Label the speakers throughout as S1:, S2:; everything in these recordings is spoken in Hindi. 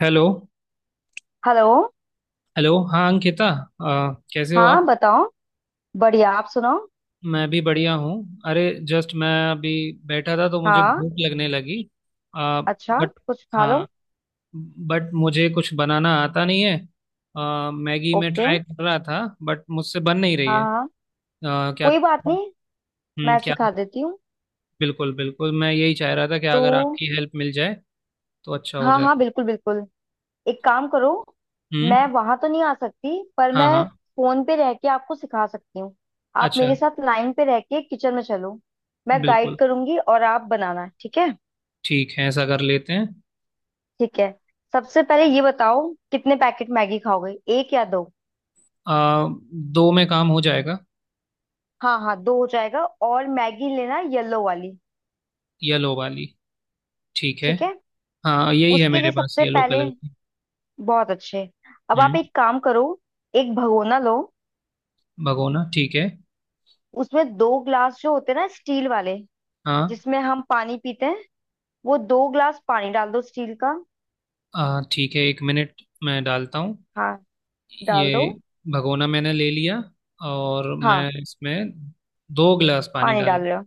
S1: हेलो।
S2: हेलो।
S1: हेलो। हाँ अंकिता। कैसे हो
S2: हाँ
S1: आप।
S2: बताओ। बढ़िया आप सुनाओ।
S1: मैं भी बढ़िया हूँ। अरे, जस्ट मैं अभी बैठा था तो मुझे
S2: हाँ।
S1: भूख लगने लगी।
S2: अच्छा
S1: बट।
S2: कुछ खा लो।
S1: हाँ, बट मुझे कुछ बनाना आता नहीं है। मैगी में
S2: ओके।
S1: ट्राई कर रहा था, बट मुझसे बन नहीं रही
S2: हाँ
S1: है।
S2: हाँ
S1: क्या?
S2: कोई बात नहीं।
S1: हम्म,
S2: मैं
S1: क्या?
S2: सिखा देती हूँ।
S1: बिल्कुल बिल्कुल, मैं यही चाह रहा था कि
S2: तो
S1: अगर आपकी हेल्प मिल जाए तो अच्छा हो
S2: हाँ
S1: जाए।
S2: हाँ बिल्कुल बिल्कुल एक काम करो।
S1: हम्म।
S2: मैं वहां तो नहीं आ सकती पर
S1: हाँ
S2: मैं
S1: हाँ,
S2: फोन पे रह के आपको सिखा सकती हूँ। आप
S1: अच्छा।
S2: मेरे साथ लाइन पे रह के किचन में चलो। मैं
S1: बिल्कुल।
S2: गाइड करूंगी और आप बनाना ठीक है।
S1: ठीक है, ऐसा कर लेते हैं।
S2: ठीक है सबसे पहले ये बताओ कितने पैकेट मैगी खाओगे, एक या दो?
S1: आ, दो में काम हो जाएगा।
S2: हाँ हाँ दो हो जाएगा और मैगी लेना येलो वाली।
S1: येलो वाली। ठीक है।
S2: ठीक है
S1: हाँ, यही है
S2: उसके
S1: मेरे
S2: लिए
S1: पास
S2: सबसे
S1: येलो
S2: पहले
S1: कलर की।
S2: बहुत अच्छे अब आप
S1: हम्म।
S2: एक काम करो, एक भगोना लो।
S1: भगोना, ठीक है।
S2: उसमें दो ग्लास जो होते हैं ना स्टील वाले
S1: हाँ।
S2: जिसमें हम पानी पीते हैं, वो दो ग्लास पानी डाल दो स्टील का।
S1: ठीक है, एक मिनट मैं डालता हूँ।
S2: हाँ डाल दो।
S1: ये भगोना मैंने ले लिया और
S2: हाँ
S1: मैं इसमें दो गिलास पानी
S2: पानी
S1: डाल।
S2: डाल रहे हो?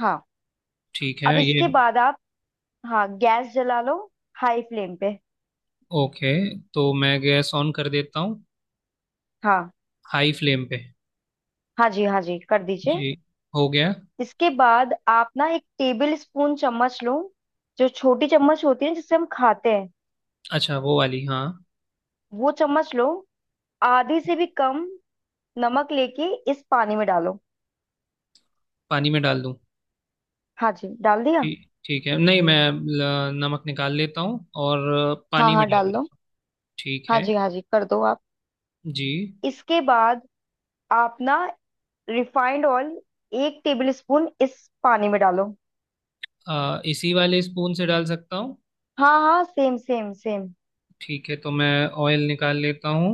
S2: हाँ
S1: ठीक
S2: अब
S1: है, ये।
S2: इसके बाद आप हाँ गैस जला लो हाई फ्लेम पे।
S1: ओके, तो मैं गैस ऑन कर देता हूँ।
S2: हाँ
S1: हाई फ्लेम पे।
S2: हाँ जी हाँ जी कर दीजिए।
S1: जी। हो गया।
S2: इसके बाद आप ना एक टेबल स्पून चम्मच लो जो छोटी चम्मच होती है जिससे हम खाते हैं,
S1: अच्छा, वो वाली, हाँ।
S2: वो चम्मच लो। आधे से भी कम नमक लेके इस पानी में डालो।
S1: पानी में डाल दूँ?
S2: हाँ जी डाल दिया।
S1: ठीक, ठीक है। नहीं, मैं नमक निकाल लेता हूँ और
S2: हाँ
S1: पानी में
S2: हाँ
S1: डाल
S2: डाल
S1: देता
S2: दो।
S1: हूँ। ठीक
S2: हाँ
S1: है।
S2: जी हाँ जी कर दो आप।
S1: जी।
S2: इसके बाद आप ना रिफाइंड ऑयल एक टेबल स्पून इस पानी में डालो।
S1: इसी वाले स्पून से डाल सकता हूँ?
S2: हाँ हाँ सेम सेम सेम।
S1: ठीक है, तो मैं ऑयल निकाल लेता हूँ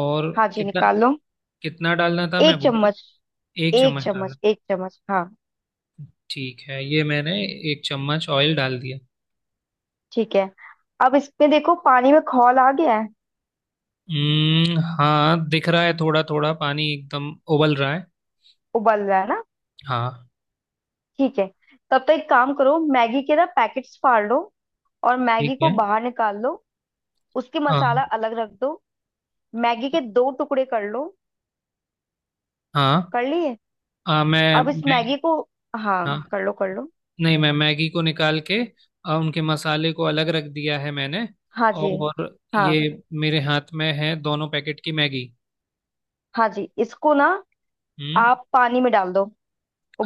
S1: और
S2: हाँ जी
S1: कितना
S2: निकाल लो।
S1: कितना डालना था मैं
S2: एक
S1: भूल
S2: चम्मच
S1: गया। एक
S2: एक
S1: चम्मच डाला।
S2: चम्मच एक चम्मच हाँ
S1: ठीक है, ये मैंने एक चम्मच ऑयल डाल दिया।
S2: ठीक है। अब इसमें देखो पानी में खौल आ गया है
S1: हम्म, हाँ, दिख रहा है, थोड़ा थोड़ा पानी एकदम उबल रहा है।
S2: उबल रहा है ना।
S1: हाँ।
S2: ठीक है तब तक एक काम करो, मैगी के ना पैकेट्स फाड़ लो और
S1: ठीक
S2: मैगी को
S1: है।
S2: बाहर निकाल लो। उसके
S1: हाँ
S2: मसाला अलग रख दो। मैगी के दो टुकड़े कर लो।
S1: हाँ।
S2: कर लिए?
S1: हाँ, मैं
S2: अब इस
S1: मैं
S2: मैगी को हाँ
S1: हाँ,
S2: कर लो कर लो।
S1: नहीं, मैं मैगी को निकाल के उनके मसाले को अलग रख दिया है मैंने,
S2: हाँ जी
S1: और
S2: हाँ
S1: ये। मेरे हाथ में है दोनों पैकेट की मैगी।
S2: हाँ जी इसको ना
S1: हम्म।
S2: आप पानी में डाल दो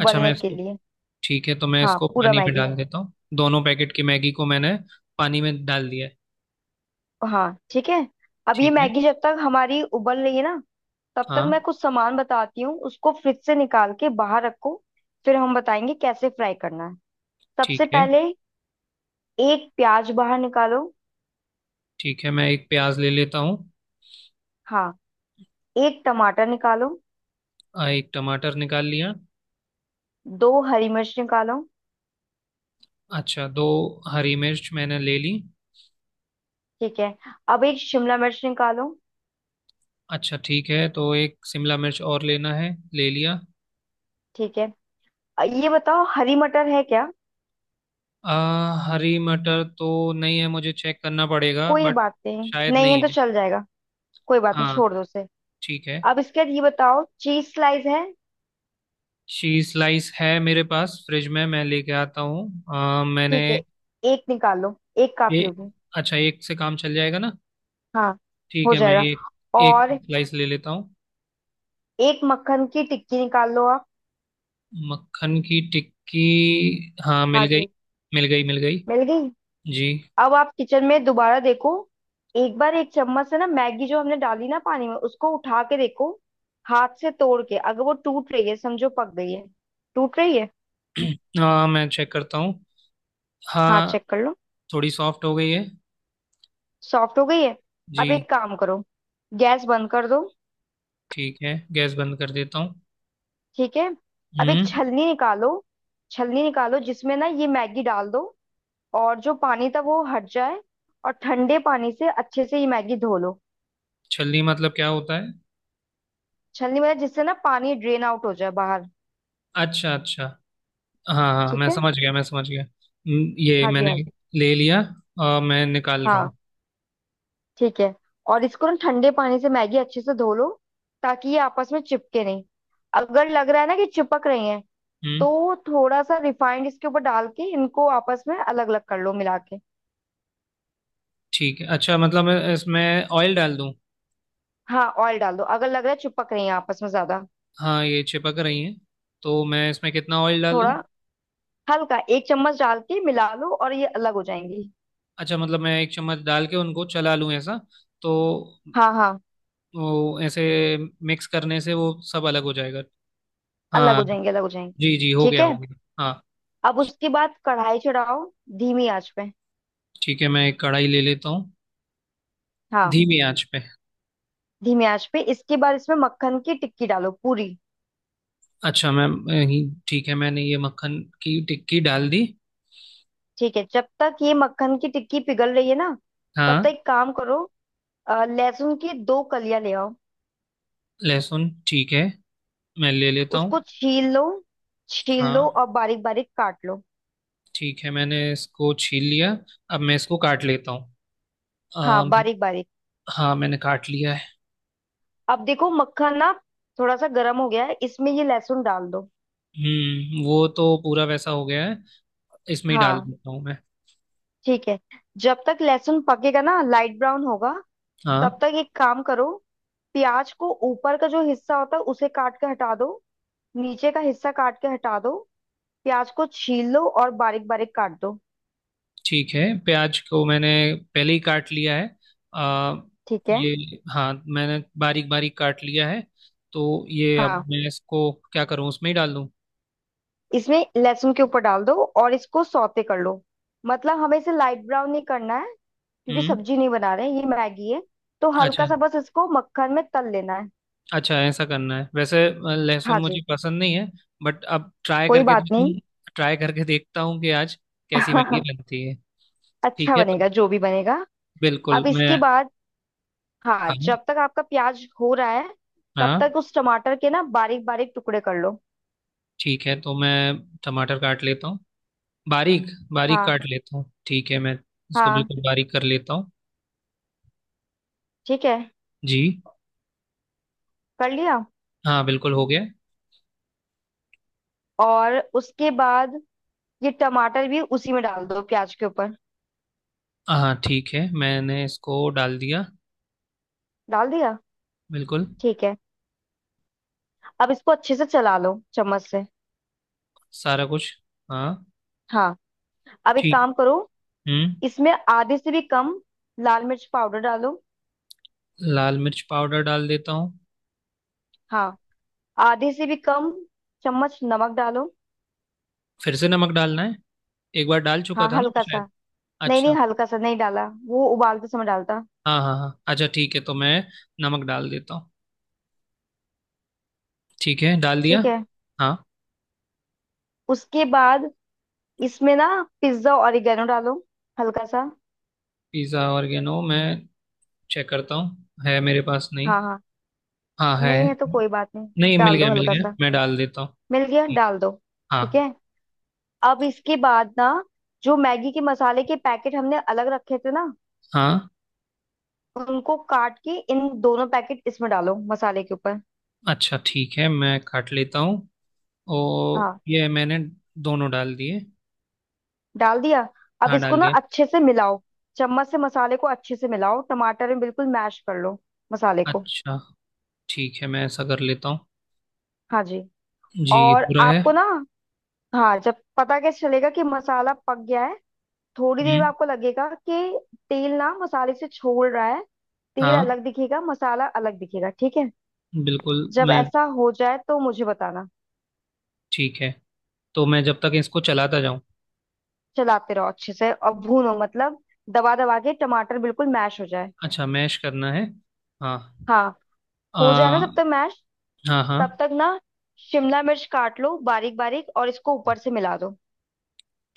S1: अच्छा, मैंने
S2: के
S1: इसको।
S2: लिए।
S1: ठीक है, तो मैं
S2: हाँ
S1: इसको
S2: पूरा
S1: पानी में
S2: मैगी।
S1: डाल देता हूँ, दोनों पैकेट की मैगी को मैंने पानी में डाल दिया है।
S2: हाँ ठीक है। अब ये
S1: ठीक है।
S2: मैगी जब तक हमारी उबल रही है ना तब तक
S1: हाँ,
S2: मैं कुछ सामान बताती हूँ, उसको फ्रिज से निकाल के बाहर रखो। फिर हम बताएंगे कैसे फ्राई करना है।
S1: ठीक
S2: सबसे
S1: है।
S2: पहले एक प्याज बाहर निकालो।
S1: ठीक है, मैं एक प्याज ले लेता हूँ।
S2: हाँ एक टमाटर निकालो।
S1: एक टमाटर निकाल लिया।
S2: दो हरी मिर्च निकालो।
S1: अच्छा, दो हरी मिर्च मैंने ले ली।
S2: ठीक है अब एक शिमला मिर्च निकालो।
S1: अच्छा, ठीक है, तो एक शिमला मिर्च और लेना है, ले लिया।
S2: ठीक है ये बताओ हरी मटर है क्या?
S1: अ, हरी मटर तो नहीं है, मुझे चेक करना पड़ेगा,
S2: कोई
S1: बट।
S2: बात नहीं
S1: शायद
S2: नहीं है
S1: नहीं
S2: तो
S1: है।
S2: चल जाएगा। कोई बात नहीं
S1: हाँ,
S2: छोड़ दो उसे।
S1: ठीक है।
S2: अब इसके बाद ये बताओ चीज स्लाइस है?
S1: शी स्लाइस है मेरे पास फ्रिज में, मैं लेके आता हूँ। मैंने।
S2: ठीक है एक निकालो एक काफी
S1: ए,
S2: होगी।
S1: अच्छा, एक से काम चल जाएगा ना?
S2: हाँ
S1: ठीक
S2: हो
S1: है, मैं
S2: जाएगा
S1: एक। एक
S2: और
S1: स्लाइस ले लेता हूँ।
S2: एक मक्खन की टिक्की निकाल लो आप।
S1: मक्खन की टिक्की। हाँ, मिल
S2: हाँ
S1: गई।
S2: जी
S1: मिल गई, मिल गई।
S2: मिल गई।
S1: जी।
S2: अब आप किचन में दोबारा देखो एक बार एक चम्मच से ना मैगी जो हमने डाली ना पानी में उसको उठा के देखो, हाथ से तोड़ के अगर वो टूट रही है समझो पक गई है। टूट रही है?
S1: हाँ, मैं चेक करता हूँ।
S2: हाँ
S1: हाँ।
S2: चेक कर लो।
S1: थोड़ी सॉफ्ट हो गई है।
S2: सॉफ्ट हो गई है?
S1: जी।
S2: अब एक काम करो गैस बंद कर दो।
S1: ठीक है, गैस बंद कर देता हूँ।
S2: ठीक है अब एक
S1: हम्म।
S2: छलनी निकालो। छलनी निकालो जिसमें ना ये मैगी डाल दो और जो पानी था वो हट जाए। और ठंडे पानी से अच्छे से ये मैगी धो लो।
S1: छलनी मतलब क्या होता है?
S2: छलनी में जिससे ना पानी ड्रेन आउट हो जाए बाहर।
S1: अच्छा अच्छा। हाँ हाँ, मैं
S2: ठीक है
S1: समझ गया, मैं समझ गया। ये
S2: हाँ जी
S1: मैंने
S2: हाँ जी
S1: ले लिया और मैं निकाल रहा हूँ।
S2: हाँ ठीक है। और इसको ना ठंडे पानी से मैगी अच्छे से धो लो ताकि ये आपस में चिपके नहीं। अगर लग रहा है ना कि चिपक रही है
S1: हम्म।
S2: तो थोड़ा सा रिफाइंड इसके ऊपर डाल के इनको आपस में अलग अलग कर लो मिला के।
S1: ठीक है। अच्छा, मतलब मैं इसमें ऑयल डाल दूँ?
S2: हाँ ऑयल डाल दो अगर लग रहा है चिपक रही है आपस में ज्यादा।
S1: हाँ, ये चिपक रही हैं। तो मैं इसमें कितना ऑयल डाल
S2: थोड़ा
S1: दूँ?
S2: हल्का एक चम्मच डाल के मिला लो और ये अलग हो जाएंगी।
S1: अच्छा, मतलब मैं एक चम्मच डाल के उनको चला लूँ, ऐसा तो
S2: हाँ हाँ
S1: वो ऐसे मिक्स करने से वो सब अलग हो जाएगा?
S2: अलग
S1: हाँ।
S2: हो जाएंगे अलग हो जाएंगे।
S1: जी जी, हो
S2: ठीक
S1: गया,
S2: है
S1: हो गया। हाँ,
S2: अब उसके बाद कढ़ाई चढ़ाओ धीमी आंच पे।
S1: ठीक है, मैं एक कढ़ाई ले लेता हूँ।
S2: हाँ
S1: धीमी आंच पे।
S2: धीमी आंच पे इसके बाद इसमें मक्खन की टिक्की डालो पूरी।
S1: अच्छा मैम, ठीक है, मैंने ये मक्खन की टिक्की डाल दी।
S2: ठीक है जब तक ये मक्खन की टिक्की पिघल रही है ना तब तक
S1: हाँ।
S2: एक काम करो, लहसुन की दो कलियां ले आओ।
S1: लहसुन, ठीक है, मैं ले लेता हूँ।
S2: उसको छील लो। छील लो
S1: हाँ।
S2: और बारीक बारीक काट लो।
S1: ठीक है, मैंने इसको छील लिया। अब मैं इसको काट लेता हूँ।
S2: हाँ
S1: अम,
S2: बारीक बारीक।
S1: हाँ, मैंने काट लिया है।
S2: अब देखो मक्खन ना थोड़ा सा गर्म हो गया है इसमें ये लहसुन डाल दो।
S1: वो तो पूरा वैसा हो गया है, इसमें ही डाल
S2: हाँ
S1: देता हूँ मैं।
S2: ठीक है जब तक लहसुन पकेगा ना लाइट ब्राउन होगा तब
S1: हाँ।
S2: तक एक काम करो, प्याज को ऊपर का जो हिस्सा होता है उसे काट के हटा दो। नीचे का हिस्सा काट के हटा दो। प्याज को छील लो और बारीक बारीक काट दो।
S1: ठीक है, प्याज को मैंने पहले ही काट लिया है। आ,
S2: ठीक है
S1: ये। हाँ, मैंने बारीक बारीक काट लिया है। तो ये अब
S2: हाँ
S1: मैं इसको क्या करूँ, उसमें ही डाल दूँ?
S2: इसमें लहसुन के ऊपर डाल दो और इसको सौते कर लो। मतलब हमें इसे लाइट ब्राउन नहीं करना है क्योंकि
S1: हम्म।
S2: सब्जी नहीं बना रहे ये मैगी है। तो हल्का
S1: अच्छा
S2: सा बस इसको मक्खन में तल लेना है।
S1: अच्छा, ऐसा करना है। वैसे लहसुन
S2: हाँ
S1: मुझे
S2: जी
S1: पसंद नहीं है। बट अब ट्राई
S2: कोई
S1: करके
S2: बात नहीं।
S1: देखूँ। ट्राई करके देखता हूँ कि आज कैसी मैगी बनती है। ठीक
S2: अच्छा
S1: है, तो
S2: बनेगा जो भी बनेगा।
S1: बिल्कुल
S2: अब
S1: मैं।
S2: इसके बाद हाँ
S1: हाँ
S2: जब तक आपका प्याज हो रहा है तब
S1: हाँ।
S2: तक उस टमाटर के ना बारीक बारीक टुकड़े कर लो।
S1: ठीक है, तो मैं टमाटर काट लेता हूँ। बारीक बारीक
S2: हाँ
S1: काट लेता हूँ। ठीक है, मैं इसको
S2: हाँ
S1: बिल्कुल बारीक कर लेता हूँ।
S2: ठीक है
S1: जी।
S2: कर लिया।
S1: हाँ, बिल्कुल हो गया।
S2: और उसके बाद ये टमाटर भी उसी में डाल दो प्याज के ऊपर।
S1: हाँ, ठीक है, मैंने इसको डाल दिया।
S2: डाल दिया?
S1: बिल्कुल।
S2: ठीक है अब इसको अच्छे से चला लो चम्मच से।
S1: सारा कुछ, हाँ।
S2: हाँ अब एक
S1: ठीक।
S2: काम करो
S1: हम्म।
S2: इसमें आधे से भी कम लाल मिर्च पाउडर डालो।
S1: लाल मिर्च पाउडर डाल देता हूँ।
S2: हाँ आधे से भी कम चम्मच नमक डालो।
S1: फिर से नमक डालना है? एक बार डाल चुका
S2: हाँ
S1: था ना मैं,
S2: हल्का सा।
S1: शायद।
S2: नहीं नहीं
S1: अच्छा।
S2: हल्का सा नहीं डाला वो उबालते समय डालता।
S1: हाँ हाँ हाँ, अच्छा, ठीक है, तो मैं नमक डाल देता हूँ। ठीक है, डाल दिया।
S2: ठीक है
S1: हाँ।
S2: उसके बाद इसमें ना पिज्जा ऑरिगेनो डालो हल्का सा।
S1: पिज़्ज़ा ऑर्गेनो, मैं चेक करता हूँ, है मेरे पास, नहीं।
S2: हाँ हाँ
S1: हाँ, है।
S2: नहीं है तो कोई बात नहीं।
S1: नहीं, मिल
S2: डाल दो
S1: गया, मिल
S2: हल्का
S1: गया,
S2: सा।
S1: मैं डाल देता हूँ।
S2: मिल गया डाल दो। ठीक
S1: हाँ।
S2: है अब इसके बाद ना जो मैगी के मसाले के पैकेट हमने अलग रखे थे ना
S1: हाँ,
S2: उनको काट के इन दोनों पैकेट इसमें डालो मसाले के ऊपर।
S1: अच्छा, ठीक है, मैं काट लेता हूँ। और
S2: हाँ
S1: ये मैंने दोनों डाल दिए।
S2: डाल दिया। अब
S1: हाँ,
S2: इसको
S1: डाल
S2: ना
S1: दिया।
S2: अच्छे से मिलाओ। चम्मच से मसाले को अच्छे से मिलाओ टमाटर में बिल्कुल मैश कर लो मसाले को।
S1: अच्छा, ठीक है, मैं ऐसा कर लेता हूँ।
S2: हाँ जी
S1: जी,
S2: और
S1: हो रहा है।
S2: आपको ना हाँ जब पता कैसे चलेगा कि मसाला पक गया है, थोड़ी देर में
S1: हम्म।
S2: आपको लगेगा कि तेल ना मसाले से छोड़ रहा है, तेल
S1: हाँ,
S2: अलग दिखेगा मसाला अलग दिखेगा ठीक है।
S1: बिल्कुल
S2: जब
S1: मैं।
S2: ऐसा हो जाए तो मुझे बताना।
S1: ठीक है, तो मैं जब तक इसको चलाता जाऊँ।
S2: चलाते रहो अच्छे से और भूनो मतलब दबा दबा के टमाटर बिल्कुल मैश हो जाए।
S1: अच्छा, मैश करना है। हाँ।
S2: हाँ हो जाए ना
S1: आ,
S2: जब तक मैश
S1: हाँ हाँ।
S2: तब तक ना शिमला मिर्च काट लो बारीक बारीक और इसको ऊपर से मिला दो।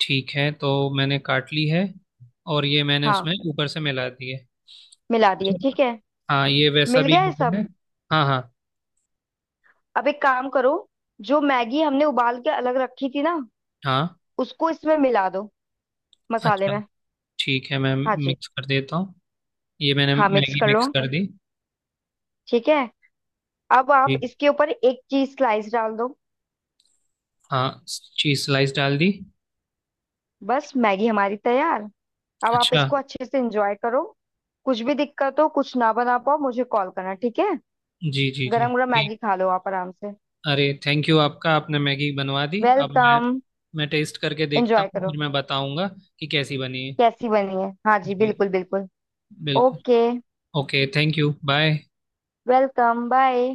S1: ठीक है, तो मैंने काट ली है और ये मैंने
S2: हाँ
S1: उसमें ऊपर से मिला दी है।
S2: मिला दिए। ठीक है
S1: हाँ, ये वैसा
S2: मिल
S1: भी
S2: गया
S1: हो
S2: है
S1: गया है।
S2: सब।
S1: हाँ हाँ।
S2: अब एक काम करो जो मैगी हमने उबाल के अलग रखी थी ना
S1: हाँ,
S2: उसको इसमें मिला दो मसाले
S1: अच्छा,
S2: में।
S1: ठीक है, मैं
S2: हाँ जी
S1: मिक्स कर देता हूँ। ये मैंने
S2: हाँ मिक्स
S1: मैगी
S2: कर लो।
S1: मिक्स कर दी।
S2: ठीक है अब आप
S1: जी।
S2: इसके ऊपर एक चीज स्लाइस डाल दो।
S1: हाँ, चीज स्लाइस डाल दी।
S2: बस मैगी हमारी तैयार। अब आप
S1: अच्छा।
S2: इसको अच्छे से एंजॉय करो। कुछ भी दिक्कत हो कुछ ना बना पाओ मुझे कॉल करना ठीक है।
S1: जी जी जी।
S2: गरम गरम
S1: ठीक।
S2: मैगी खा लो आप आराम से।
S1: अरे, थैंक यू आपका, आपने मैगी बनवा दी। अब मैं।
S2: वेलकम
S1: मैं टेस्ट करके देखता
S2: एंजॉय
S1: हूँ, फिर
S2: करो।
S1: मैं बताऊंगा कि कैसी बनी है।
S2: कैसी बनी है हाँ जी
S1: जी
S2: बिल्कुल बिल्कुल।
S1: बिल्कुल।
S2: Okay
S1: okay, thank you, bye.
S2: Welcome bye.